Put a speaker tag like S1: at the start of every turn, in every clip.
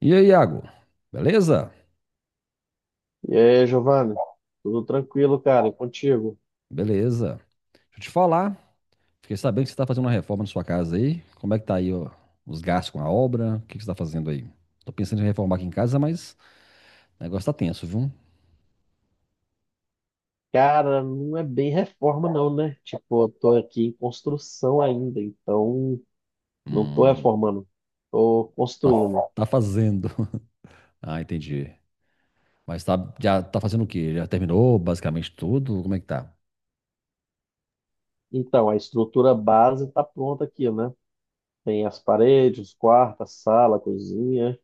S1: E aí, Iago? Beleza?
S2: E aí, Giovanni? Tudo tranquilo, cara? E contigo?
S1: Beleza. Deixa eu te falar. Fiquei sabendo que você está fazendo uma reforma na sua casa aí. Como é que tá aí, ó, os gastos com a obra? O que que você está fazendo aí? Tô pensando em reformar aqui em casa, mas o negócio tá tenso, viu?
S2: Cara, não é bem reforma, não, né? Tipo, eu tô aqui em construção ainda, então não tô
S1: Hum,
S2: reformando, tô
S1: tá,
S2: construindo.
S1: tá fazendo. Ah, entendi. Mas tá, já tá fazendo o quê? Já terminou basicamente tudo? Como é que tá?
S2: Então, a estrutura base tá pronta aqui, né? Tem as paredes, os quartos, a sala, a cozinha.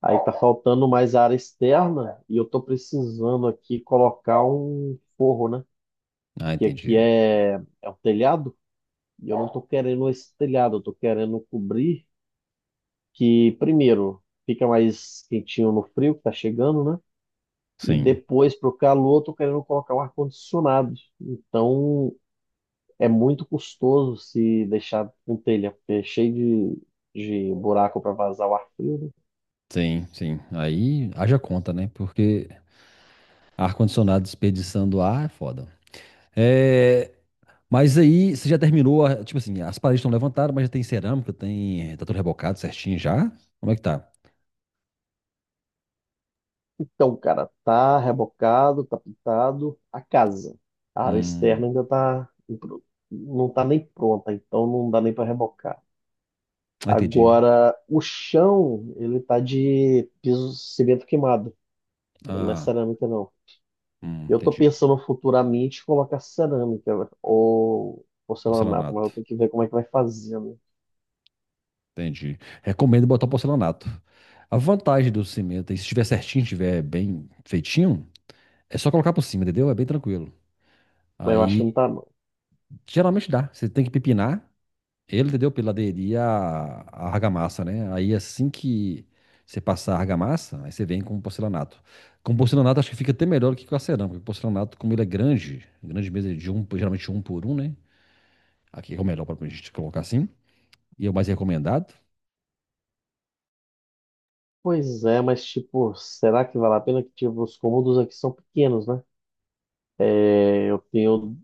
S2: Aí tá faltando mais área externa e eu tô precisando aqui colocar um forro, né?
S1: Ah,
S2: Que aqui
S1: entendi.
S2: é o telhado e eu não tô querendo esse telhado, eu tô querendo cobrir. Que primeiro fica mais quentinho no frio que tá chegando, né? E
S1: Sim,
S2: depois pro calor, tô querendo colocar o ar-condicionado. Então é muito custoso se deixar com telha, porque é cheio de buraco para vazar o ar frio, né?
S1: sim, sim. Aí haja conta, né? Porque ar-condicionado desperdiçando ar é foda. É, mas aí você já terminou, tipo assim, as paredes estão levantadas, mas já tem cerâmica, tem, tá tudo rebocado certinho já? Como é que tá?
S2: Então, cara, tá rebocado, tá pintado a casa. A área
S1: Hum,
S2: externa ainda não tá nem pronta, então não dá nem para rebocar.
S1: ah, entendi.
S2: Agora, o chão, ele tá de piso cimento queimado. Não é
S1: Ah,
S2: cerâmica, não. Eu tô
S1: entendi.
S2: pensando futuramente colocar cerâmica, né? Ou porcelanato, mas
S1: Porcelanato.
S2: eu tenho que ver como é que vai fazer, né?
S1: Entendi. Recomendo botar porcelanato. A vantagem do cimento, aí, se estiver certinho, estiver bem feitinho, é só colocar por cima, entendeu? É bem tranquilo.
S2: Mas eu acho que não
S1: Aí,
S2: tá, não.
S1: geralmente dá. Você tem que pepinar, ele, entendeu? Pela aderir à argamassa, né? Aí assim que você passar a argamassa, aí você vem com o porcelanato. Com o porcelanato acho que fica até melhor do que com a cerâmica, porque o porcelanato, como ele é grande, grande mesmo, é de um, geralmente um por um, né? Aqui é o melhor para a gente colocar assim. E é o mais recomendado.
S2: Pois é, mas tipo, será que vale a pena? Que tipo, os cômodos aqui são pequenos, né? É, eu tenho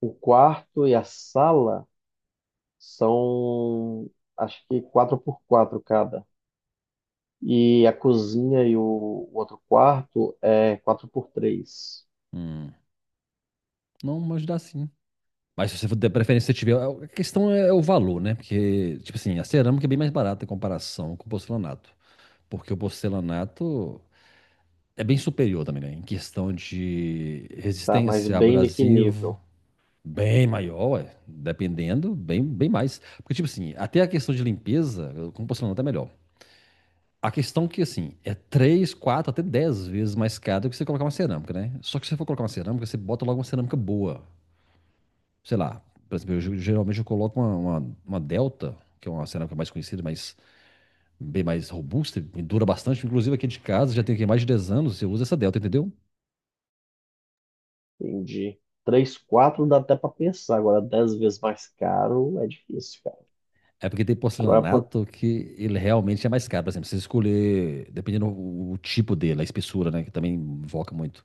S2: o quarto e a sala são acho que 4 por 4 cada. E a cozinha e o outro quarto é 4 por 3.
S1: Hum, não, mas dá sim. Mas se você for ter preferência, se você tiver. A questão é o valor, né? Porque, tipo assim, a cerâmica é bem mais barata em comparação com o porcelanato. Porque o porcelanato é bem superior também, né? Em questão de
S2: Tá? Mas
S1: resistência,
S2: bem naquele
S1: abrasivo,
S2: nível.
S1: bem maior, ué, dependendo, bem, bem mais. Porque, tipo assim, até a questão de limpeza, como é tá melhor. A questão que, assim, é 3, 4 até 10 vezes mais caro do que você colocar uma cerâmica, né? Só que se você for colocar uma cerâmica, você bota logo uma cerâmica boa. Sei lá, por exemplo, eu, geralmente eu coloco uma Delta, que é uma cerâmica mais conhecida, mas bem mais robusta, e dura bastante. Inclusive aqui de casa, já tem aqui mais de 10 anos, eu uso essa Delta, entendeu?
S2: Entendi. 3, 4 dá até para pensar. Agora, 10 vezes mais caro é difícil, cara.
S1: É porque tem
S2: Agora, por-
S1: porcelanato que ele realmente é mais caro. Por exemplo, você escolher, dependendo o tipo dele, a espessura, né? Que também invoca muito.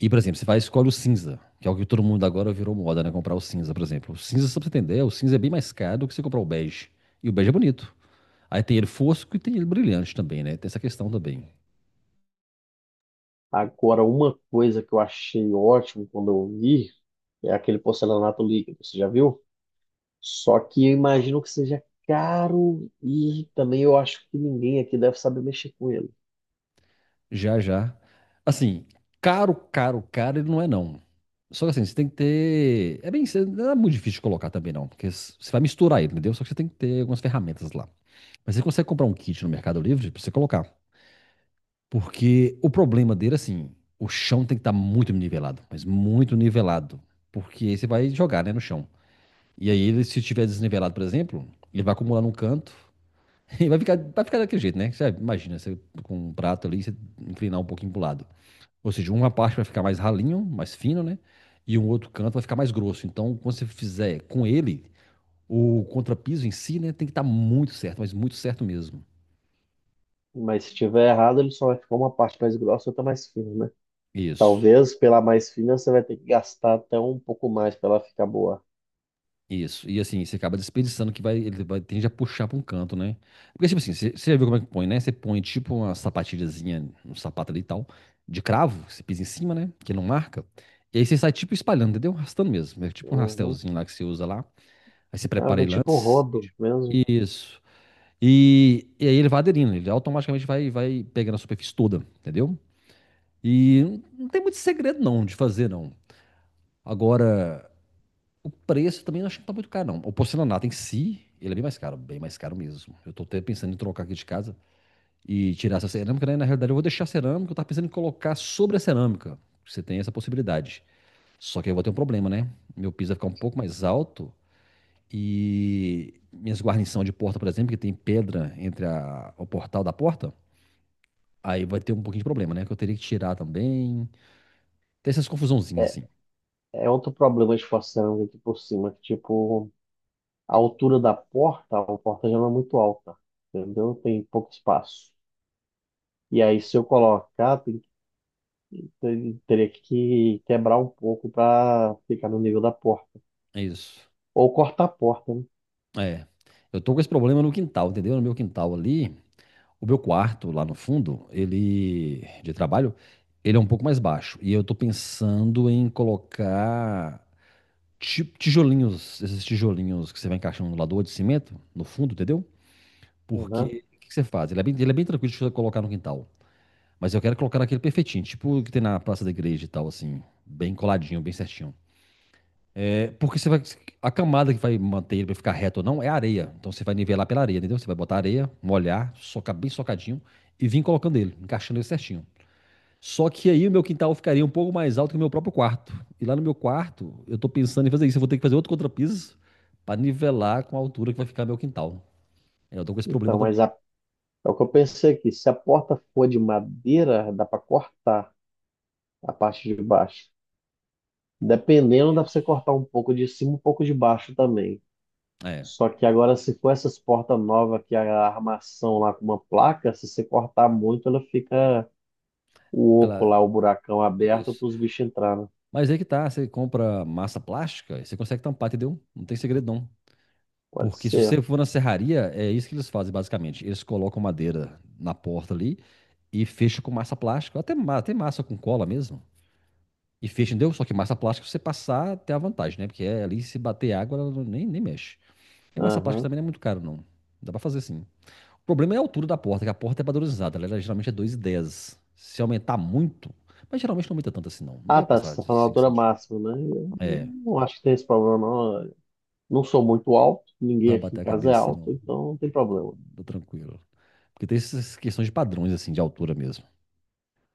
S1: E, por exemplo, você vai e escolhe o cinza, que é o que todo mundo agora virou moda, né? Comprar o cinza, por exemplo. O cinza, só pra você entender, o cinza é bem mais caro do que você comprar o bege. E o bege é bonito. Aí tem ele fosco e tem ele brilhante também, né? Tem essa questão também.
S2: Agora, uma coisa que eu achei ótimo quando eu vi é aquele porcelanato líquido. Você já viu? Só que eu imagino que seja caro e também eu acho que ninguém aqui deve saber mexer com ele.
S1: Já, já. Assim, caro, caro, caro, ele não é, não. Só que assim, você tem que ter. É bem. Não é muito difícil de colocar também, não. Porque você vai misturar ele, entendeu? Só que você tem que ter algumas ferramentas lá. Mas você consegue comprar um kit no Mercado Livre pra você colocar. Porque o problema dele, assim, o chão tem que estar muito nivelado, mas muito nivelado. Porque aí você vai jogar, né, no chão. E aí, ele, se estiver desnivelado, por exemplo, ele vai acumular num canto e vai ficar daquele jeito, né? Você imagina, você com um prato ali, você inclinar um pouquinho pro lado. Ou seja, uma parte vai ficar mais ralinho, mais fino, né? E um outro canto vai ficar mais grosso. Então, quando você fizer com ele, o contrapiso em si, né, tem que estar muito certo, mas muito certo mesmo.
S2: Mas se tiver errado, ele só vai ficar uma parte mais grossa e outra mais fina, né?
S1: Isso.
S2: Talvez pela mais fina você vai ter que gastar até um pouco mais para ela ficar boa.
S1: Isso. E assim, você acaba desperdiçando que vai, ele vai, tende a puxar para um canto, né? Porque, tipo assim, você já viu como é que põe, né? Você põe tipo uma sapatilhazinha, um sapato ali e tal, de cravo, que você pisa em cima, né? Que não marca. E aí você sai tipo espalhando, entendeu? Arrastando mesmo. É tipo um
S2: Uhum.
S1: rastelzinho lá que você usa lá. Aí você
S2: Ah,
S1: prepara
S2: vem
S1: ele
S2: tipo um
S1: antes.
S2: rodo mesmo.
S1: Isso. E aí ele vai aderindo, ele automaticamente vai, vai pegando a superfície toda, entendeu? E não tem muito segredo não de fazer, não. Agora, o preço também eu acho que não tá muito caro, não. O porcelanato em si, ele é bem mais caro mesmo. Eu tô até pensando em trocar aqui de casa e tirar essa cerâmica, né? Na realidade, eu vou deixar a cerâmica, eu tava pensando em colocar sobre a cerâmica. Você tem essa possibilidade. Só que aí eu vou ter um problema, né? Meu piso vai ficar um pouco mais alto e minhas guarnições de porta, por exemplo, que tem pedra entre o portal da porta, aí vai ter um pouquinho de problema, né? Que eu teria que tirar também. Tem essas confusãozinhas assim.
S2: É outro problema de forçando aqui por cima, que tipo, a altura da porta, a porta já não é muito alta, entendeu? Tem pouco espaço. E aí, se eu colocar, teria que quebrar um pouco para ficar no nível da porta.
S1: É isso.
S2: Ou cortar a porta, né?
S1: É. Eu tô com esse problema no quintal, entendeu? No meu quintal ali, o meu quarto, lá no fundo, ele de trabalho, ele é um pouco mais baixo. E eu tô pensando em colocar tijolinhos, esses tijolinhos que você vai encaixando no lador de cimento, no fundo, entendeu?
S2: Uhum.
S1: Porque o que que você faz? Ele é bem tranquilo de você colocar no quintal. Mas eu quero colocar aquele perfeitinho, tipo o que tem na praça da igreja e tal, assim, bem coladinho, bem certinho. É, porque você vai. A camada que vai manter ele pra ficar reto ou não é a areia. Então você vai nivelar pela areia, entendeu? Você vai botar areia, molhar, socar bem socadinho e vir colocando ele, encaixando ele certinho. Só que aí o meu quintal ficaria um pouco mais alto que o meu próprio quarto. E lá no meu quarto, eu tô pensando em fazer isso. Eu vou ter que fazer outro contrapiso para nivelar com a altura que vai ficar meu quintal. É, eu tô com esse problema
S2: Então, mas
S1: também.
S2: a- É o que eu pensei aqui. Se a porta for de madeira, dá para cortar a parte de baixo. Dependendo, dá para você
S1: Isso.
S2: cortar um pouco de cima, um pouco de baixo também.
S1: É.
S2: Só que agora, se for essas portas novas que é a armação lá com uma placa, se você cortar muito, ela fica o oco
S1: Ela.
S2: lá, o buracão aberto
S1: Isso.
S2: para os bichos entrarem.
S1: Mas aí que tá, você compra massa plástica, e você consegue tampar, entendeu? Não tem segredo não.
S2: Pode
S1: Porque se você
S2: ser.
S1: for na serraria, é isso que eles fazem basicamente. Eles colocam madeira na porta ali e fecham com massa plástica, até, até massa com cola mesmo. E fecha, entendeu? Só que massa plástica você passar tem a vantagem, né? Porque é, ali se bater água, ela nem, nem mexe. E massa plástica
S2: Aham.
S1: também não é muito caro, não. Dá pra fazer sim. O problema é a altura da porta, que a porta é padronizada. Ela geralmente é 2,10. Se aumentar muito, mas geralmente não aumenta tanto assim, não. Não
S2: Ah,
S1: vai
S2: tá. Você
S1: passar
S2: está
S1: de
S2: falando a
S1: 5
S2: altura
S1: centímetros.
S2: máxima, né? Eu
S1: É,
S2: não acho que tem esse problema, não. Não sou muito alto,
S1: não
S2: ninguém
S1: vai
S2: aqui em
S1: bater a
S2: casa é
S1: cabeça,
S2: alto,
S1: não.
S2: então não tem
S1: Tá
S2: problema.
S1: tá tranquilo. Porque tem essas questões de padrões, assim, de altura mesmo.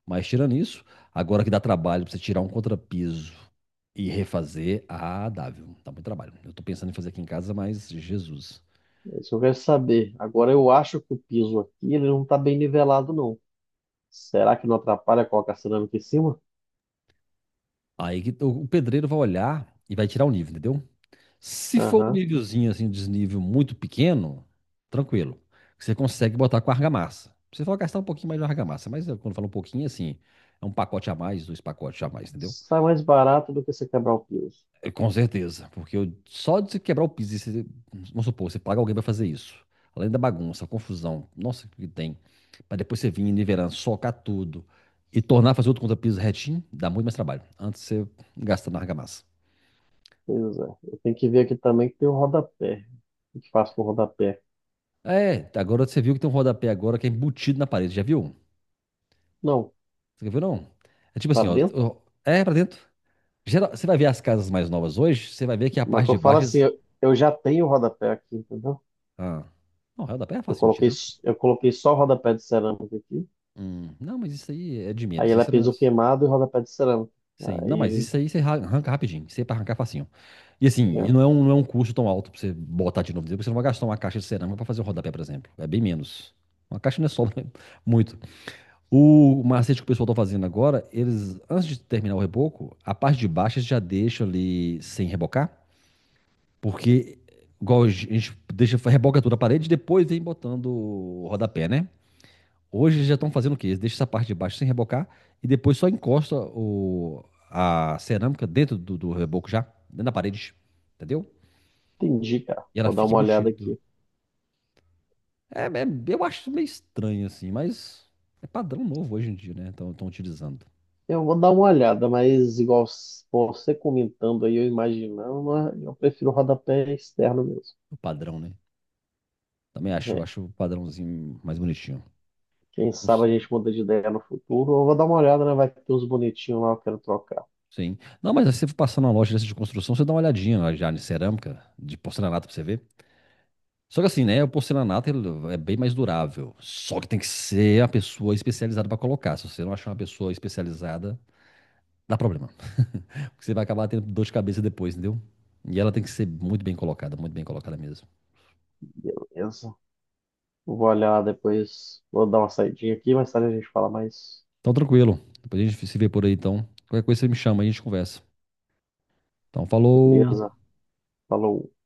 S1: Mas tirando isso, agora que dá trabalho pra você tirar um contrapiso e refazer, ah, dá, viu? Dá muito trabalho. Eu tô pensando em fazer aqui em casa, mas Jesus.
S2: É isso que eu quero saber. Agora, eu acho que o piso aqui ele não está bem nivelado, não. Será que não atrapalha colocar cerâmica em cima?
S1: Aí que o pedreiro vai olhar e vai tirar o nível, entendeu? Se for um
S2: Aham.
S1: nívelzinho assim, um desnível muito pequeno, tranquilo. Você consegue botar com argamassa. Você vai gastar um pouquinho mais de argamassa, mas quando fala um pouquinho assim, é um pacote a mais, dois pacotes a mais, entendeu?
S2: Sai mais barato do que você quebrar o piso.
S1: É, com certeza, porque só de você quebrar o piso, e você, vamos supor, você paga alguém pra fazer isso, além da bagunça, a confusão, nossa, que tem, pra depois você vir nivelando, socar tudo e tornar fazer outro contra-piso retinho, dá muito mais trabalho. Antes você gasta na argamassa.
S2: Pois é. Eu tenho que ver aqui também que tem o rodapé. O que faço com o rodapé?
S1: É, agora você viu que tem um rodapé agora que é embutido na parede, já viu?
S2: Não,
S1: Você viu não? É tipo
S2: pra
S1: assim, ó,
S2: dentro?
S1: ó, é pra dentro. Geral- você vai ver as casas mais novas hoje, você vai ver que a
S2: Mas
S1: parte
S2: que eu
S1: de
S2: falo
S1: baixo,
S2: assim, eu já tenho o rodapé aqui, entendeu?
S1: ah, não, é, o rodapé é fácil de tirar.
S2: Eu coloquei só o rodapé de cerâmica aqui.
S1: Não, mas isso aí é de
S2: Aí
S1: menos.
S2: ela é
S1: Isso não,
S2: piso queimado e rodapé de cerâmica.
S1: sim, não, mas
S2: Aí,
S1: isso aí você arranca rapidinho, isso aí é pra arrancar facinho. E assim, e
S2: é,
S1: não é um custo tão alto pra você botar de novo, porque você não vai gastar uma caixa de cerâmica pra fazer o rodapé, por exemplo. É bem menos. Uma caixa não é só muito. O macete que o pessoal tá fazendo agora, eles, antes de terminar o reboco, a parte de baixo eles já deixam ali sem rebocar, porque igual a gente deixa, reboca toda a parede e depois vem botando o rodapé, né? Hoje eles já estão fazendo o quê? Eles deixam essa parte de baixo sem rebocar e depois só encosta a cerâmica dentro do reboco já, dentro da parede, entendeu?
S2: entendi, cara.
S1: E ela
S2: Vou dar
S1: fica
S2: uma olhada
S1: embutida.
S2: aqui.
S1: É, é- eu acho meio estranho assim, mas é padrão novo hoje em dia, né? Estão utilizando
S2: Eu vou dar uma olhada, mas você comentando aí, eu imaginando, mas eu prefiro o rodapé externo mesmo.
S1: o padrão, né? Também acho,
S2: É,
S1: acho o padrãozinho mais bonitinho.
S2: quem
S1: Não
S2: sabe a
S1: sei.
S2: gente muda de ideia no futuro. Eu vou dar uma olhada, né? Vai ter uns bonitinhos lá, eu quero trocar.
S1: Sim. Não, mas se você for passar numa loja dessa de construção, você dá uma olhadinha lá já de cerâmica, de porcelanato pra você ver. Só que assim, né? O porcelanato ele é bem mais durável. Só que tem que ser a pessoa especializada para colocar. Se você não achar uma pessoa especializada, dá problema. Porque você vai acabar tendo dor de cabeça depois, entendeu? E ela tem que ser muito bem colocada mesmo.
S2: Beleza. Vou olhar depois. Vou dar uma saidinha aqui, mais tarde a gente fala mais.
S1: Então, tranquilo. Depois a gente se vê por aí, então. Qualquer coisa você me chama, a gente conversa. Então, falou.
S2: Beleza. Falou.